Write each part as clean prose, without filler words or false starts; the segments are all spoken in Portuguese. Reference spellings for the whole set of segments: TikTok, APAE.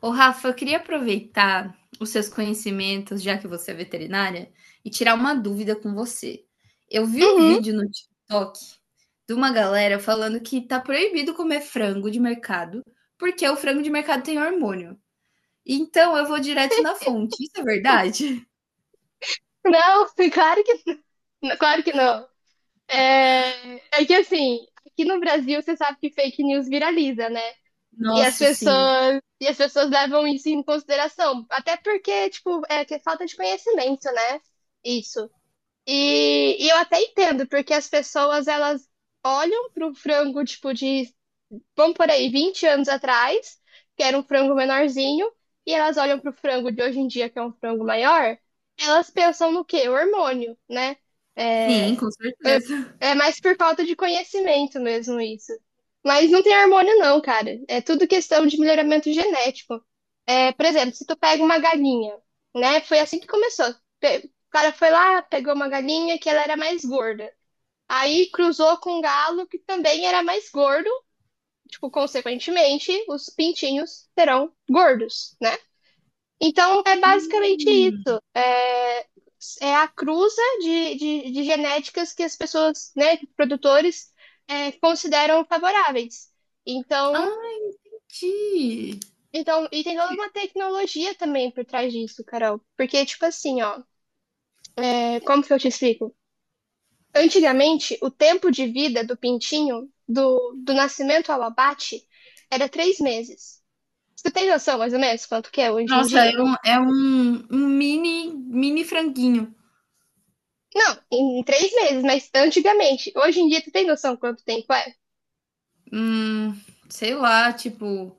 Ô, Rafa, eu queria aproveitar os seus conhecimentos, já que você é veterinária, e tirar uma dúvida com você. Eu vi um Uhum. vídeo no TikTok de uma galera falando que tá proibido comer frango de mercado, porque o frango de mercado tem hormônio. Então eu vou direto na fonte. Isso é verdade? Não, claro que não. Claro que não. É que assim, aqui no Brasil você sabe que fake news viraliza, né? E as Nossa, sim. pessoas, e as pessoas levam isso em consideração. Até porque, tipo, é que é falta de conhecimento, né? Isso. E eu até entendo, porque as pessoas, elas olham pro frango, tipo, de vamos por aí, 20 anos atrás, que era um frango menorzinho, e elas olham pro frango de hoje em dia, que é um frango maior, elas pensam no quê? O hormônio, né? Sim, É, com certeza. é mais por falta de conhecimento mesmo isso. Mas não tem hormônio não, cara. É tudo questão de melhoramento genético. É, por exemplo, se tu pega uma galinha, né? Foi assim que começou. O cara foi lá, pegou uma galinha que ela era mais gorda. Aí cruzou com um galo que também era mais gordo, tipo, consequentemente, os pintinhos serão gordos, né? Então, é basicamente Hum. isso. É a cruza de genéticas que as pessoas, né, produtores, consideram favoráveis. Então, Ah, ti. então, e tem toda uma tecnologia também por trás disso, Carol. Porque, tipo assim, ó, como que eu te explico? Antigamente, o tempo de vida do pintinho, do nascimento ao abate, era 3 meses. Você tem noção mais ou menos quanto que é hoje em Nossa, dia? Um mini, mini franguinho. Não, em 3 meses, mas antigamente. Hoje em dia, tu tem noção quanto tempo é? Hum, Sei lá, tipo,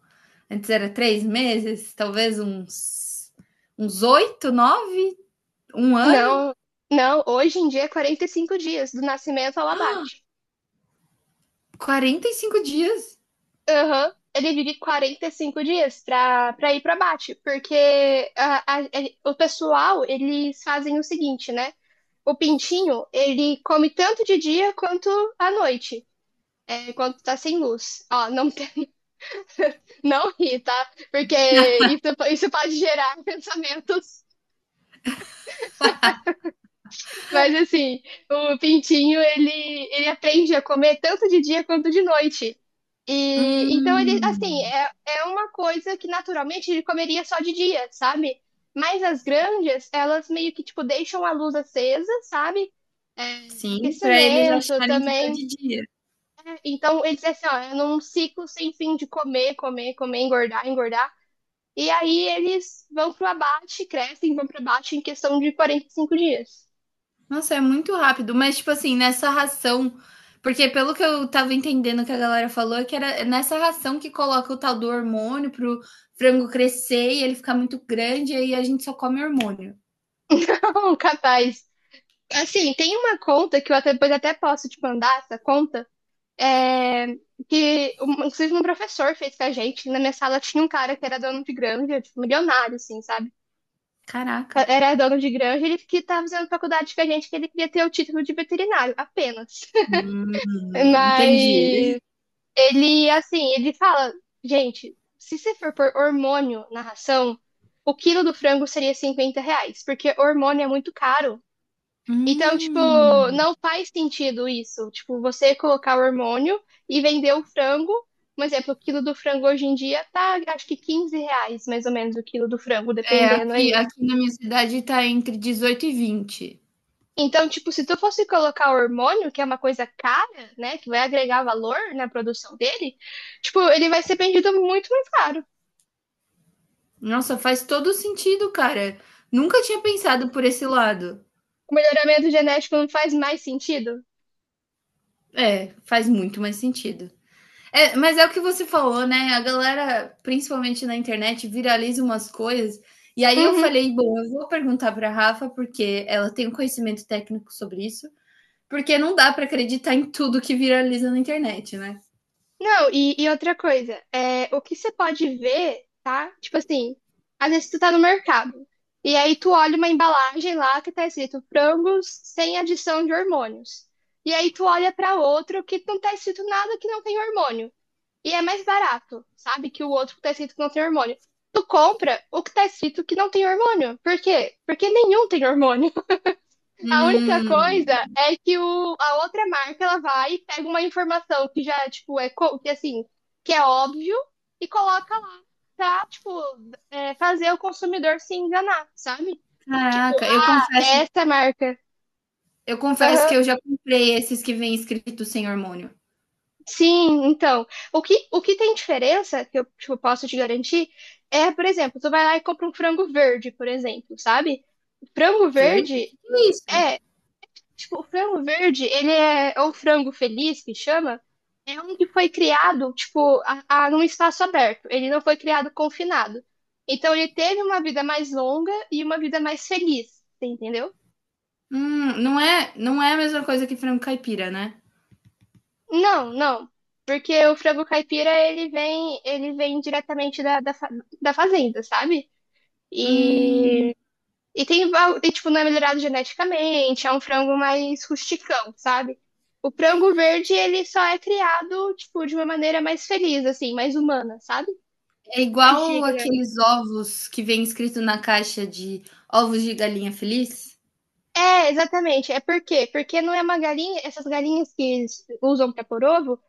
antes era três meses, talvez uns oito, nove, um ano, Não, não, hoje em dia é 45 dias, do nascimento ao abate. 45 dias. Aham, ele divide 45 dias pra, pra ir pro abate, porque o pessoal, eles fazem o seguinte, né? O pintinho, ele come tanto de dia quanto à noite, quando tá sem luz. Ó, Não ri, tá? Porque isso, isso pode gerar pensamentos. Mas assim, o pintinho, ele aprende a comer tanto de dia quanto de noite. E então ele, assim, Hum, é uma coisa que naturalmente ele comeria só de dia, sabe? Mas as granjas, elas meio que, tipo, deixam a luz acesa, sabe? É, sim, para eles aquecimento acharem que tá também. de dia. Então, ele diz assim, ó, num ciclo sem fim de comer, comer, comer, engordar, engordar. E aí eles vão pro abate, crescem, vão pro abate em questão de 45 dias. Nossa, é muito rápido, mas tipo assim, nessa ração, porque pelo que eu tava entendendo que a galera falou, é que era nessa ração que coloca o tal do hormônio pro frango crescer e ele ficar muito grande, e aí a gente só come hormônio. Um capaz. Assim, tem uma conta que eu depois até posso te mandar essa conta, é, que inclusive um professor fez com a gente. Na minha sala tinha um cara que era dono de granja, tipo, milionário, assim, sabe? Caraca. Era dono de granja, ele que tava fazendo faculdade com a gente, que ele queria ter o título de veterinário, apenas. Entendi. Mas ele, assim, ele fala, gente, se você for por hormônio na ração, o quilo do frango seria R$ 50, porque hormônio é muito caro. Então, tipo, Hum. não faz sentido isso. Tipo, você colocar o hormônio e vender o frango. Por exemplo, o quilo do frango hoje em dia tá, acho que R$ 15, mais ou menos, o quilo do frango, É, dependendo aqui aí. aqui na minha cidade tá entre 18 e 20. Então, tipo, se tu fosse colocar o hormônio, que é uma coisa cara, né, que vai agregar valor na produção dele, tipo, ele vai ser vendido muito mais caro. Nossa, faz todo sentido, cara. Nunca tinha pensado por esse lado. O melhoramento genético não faz mais sentido? É, faz muito mais sentido. É, mas é o que você falou, né, a galera, principalmente na internet, viraliza umas coisas, e aí eu Uhum. falei: "Bom, eu vou perguntar para Rafa, porque ela tem um conhecimento técnico sobre isso, porque não dá para acreditar em tudo que viraliza na internet, né". Não, e outra coisa, o que você pode ver, tá? Tipo assim, às vezes tu tá no mercado, e aí tu olha uma embalagem lá que tá escrito frangos sem adição de hormônios. E aí tu olha pra outro que não tá escrito nada que não tem hormônio. E é mais barato, sabe? Que o outro que tá escrito que não tem hormônio. Tu compra o que tá escrito que não tem hormônio. Por quê? Porque nenhum tem hormônio. A única coisa Hum. é que a outra marca ela vai e pega uma informação que já, tipo, que assim, que é óbvio e coloca lá pra, tipo, fazer o consumidor se enganar, sabe? Tipo, Caraca, eu ah, é confesso essa marca. Eu confesso que Aham. eu já comprei esses que vem escrito sem hormônio. Sim, então, o que tem diferença que eu, tipo, posso te garantir é, por exemplo, tu vai lá e compra um frango verde, por exemplo, sabe? Frango Verde? O que, verde que é isso? é Tipo, o frango verde, ele é ou frango feliz que chama, é um que foi criado, tipo, num espaço aberto. Ele não foi criado confinado. Então ele teve uma vida mais longa e uma vida mais feliz, você entendeu? Não é a mesma coisa que frango caipira, né? Não, não. Porque o frango caipira, ele vem diretamente da fazenda, sabe? Hum, E E tem, tipo, não é melhorado geneticamente, é um frango mais rusticão, sabe? O frango verde, ele só é criado, tipo, de uma maneira mais feliz, assim, mais humana, sabe? É Mais igual digna. aqueles ovos que vem escrito na caixa de ovos de galinha feliz? É, exatamente. É por quê? Porque não é uma galinha, essas galinhas que eles usam para pôr ovo,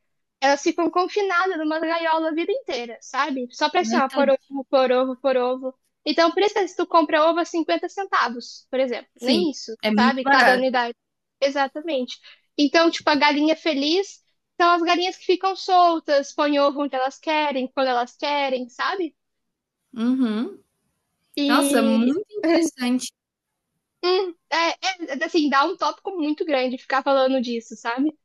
elas ficam confinadas numa gaiola a vida inteira, sabe? Só pra assim, Aí ó, tá- por ovo, por ovo, por ovo. Então, por isso que se tu compra ovo a 50 centavos, por exemplo. Sim, Nem isso, é muito sabe? Cada barato. unidade. Exatamente. Então, tipo, a galinha feliz são as galinhas que ficam soltas, põem ovo onde elas querem, quando elas querem, sabe? Uhum. Nossa, E, muito interessante. hum, é, assim, dá um tópico muito grande ficar falando disso, sabe?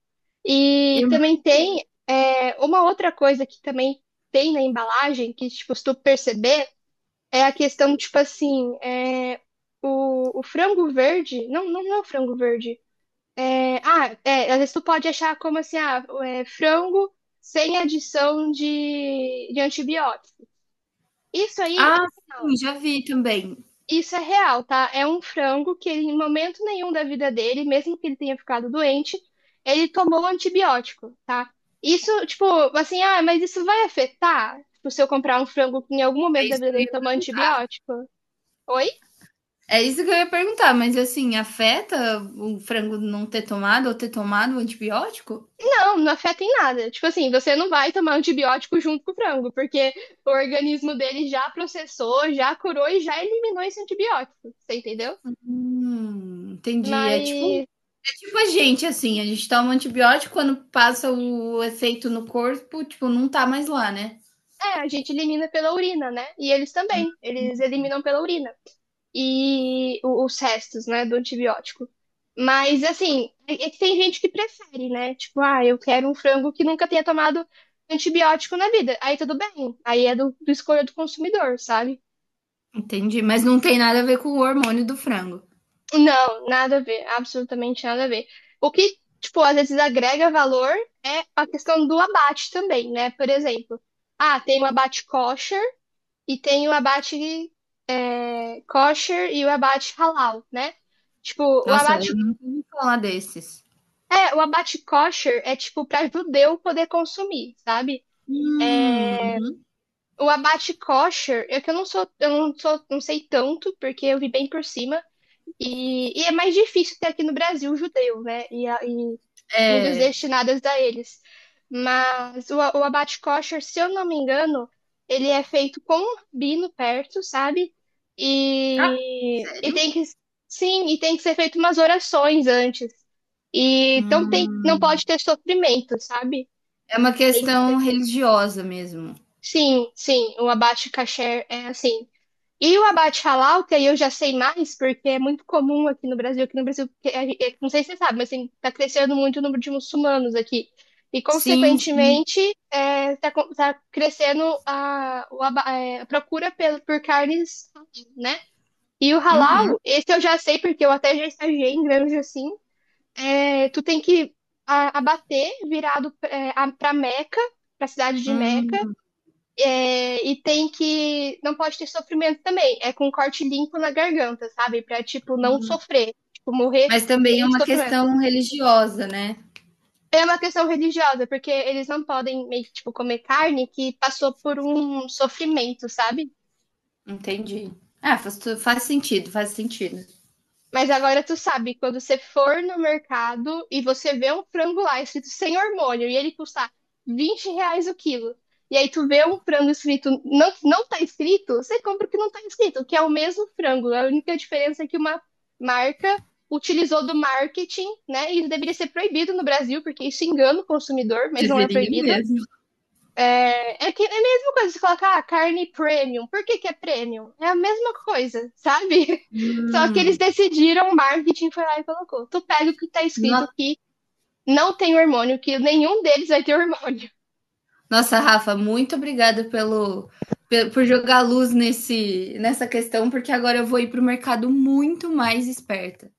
E Eu- também tem uma outra coisa que também tem na embalagem, que tipo, se tu perceber, é a questão, tipo assim, o frango verde. Não, não, não é o frango verde. Ah, às vezes tu pode achar como assim, ah, frango sem adição de antibiótico. Isso aí. Ah, sim, já vi também. Isso é real, tá? É um frango que ele, em momento nenhum da vida dele, mesmo que ele tenha ficado doente, ele tomou antibiótico, tá? Isso, tipo, assim, ah, mas isso vai afetar? Tipo, se eu comprar um frango que em algum É momento da isso vida que eu dele ia... tomou antibiótico? Oi? É isso que eu ia perguntar, mas assim, afeta o frango não ter tomado ou ter tomado o antibiótico? Não, não afeta em nada. Tipo assim, você não vai tomar antibiótico junto com o frango, porque o organismo dele já processou, já curou e já eliminou esse antibiótico, você entendeu? Entendi. É tipo Mas, é tipo a gente toma antibiótico, quando passa o efeito no corpo, tipo, não tá mais lá, né? A gente elimina pela urina, né? E eles também, eles eliminam pela urina. E os restos, né, do antibiótico. Mas, assim, é que tem gente que prefere, né? Tipo, ah, eu quero um frango que nunca tenha tomado antibiótico na vida. Aí tudo bem. Aí é do escolha do consumidor, sabe? Entendi, mas não tem nada a ver com o hormônio do frango. Não, nada a ver. Absolutamente nada a ver. O que, tipo, às vezes agrega valor é a questão do abate também, né? Por exemplo, ah, tem o abate kosher e tem o abate kosher e o abate halal, né? Tipo, Nossa, eu nunca ouvi falar desses. O abate kosher é tipo para judeu poder consumir, sabe? Hum, O abate kosher, é que eu não sou, não sei tanto, porque eu vi bem por cima, e é mais difícil ter aqui no Brasil judeu, né? E comidas é. destinadas a eles. Mas o abate kosher, se eu não me engano, ele é feito com um rabino perto, sabe? Ah, E sério? Sim, e tem que ser feito umas orações antes. E então Hum, não pode ter sofrimento, sabe? É uma Tem- questão religiosa mesmo. sim, sim, o abate kasher é assim. E o abate halal, que aí eu já sei mais, porque é muito comum aqui no Brasil, que não sei se você sabe, mas assim, tá crescendo muito o número de muçulmanos aqui. E, Sim, sim. consequentemente, tá crescendo a, o aba- é, a procura por carnes, né? E o Uhum, halal, esse eu já sei, porque eu até já estagiei em granja assim, tu tem que abater virado pra Meca, pra cidade de Meca, hum. é, e tem que. Não pode ter sofrimento também. É com corte limpo na garganta, sabe? Pra, tipo, não sofrer. Tipo, morrer Mas também é sem uma sofrimento. questão religiosa, né? É uma questão religiosa, porque eles não podem meio que, tipo, comer carne que passou por um sofrimento, sabe? Entendi. Ah, faz sentido, faz sentido. Mas agora tu sabe, quando você for no mercado e você vê um frango lá escrito sem hormônio e ele custar R$ 20 o quilo, e aí tu vê um frango escrito, não, não tá escrito, você compra o que não tá escrito, que é o mesmo frango. A única diferença é que uma marca utilizou do marketing, né? E isso deveria ser proibido no Brasil, porque isso engana o consumidor, mas não é Deveria proibido. mesmo. É que é a mesma coisa, de colocar ah, carne premium. Por que que é premium? É a mesma coisa, sabe? Só que eles Hum. decidiram, o marketing foi lá e colocou. Tu pega o que tá escrito No- que não tem hormônio, que nenhum deles vai ter hormônio. Nossa, Rafa, muito obrigada por jogar luz nessa questão, porque agora eu vou ir para o mercado muito mais esperta.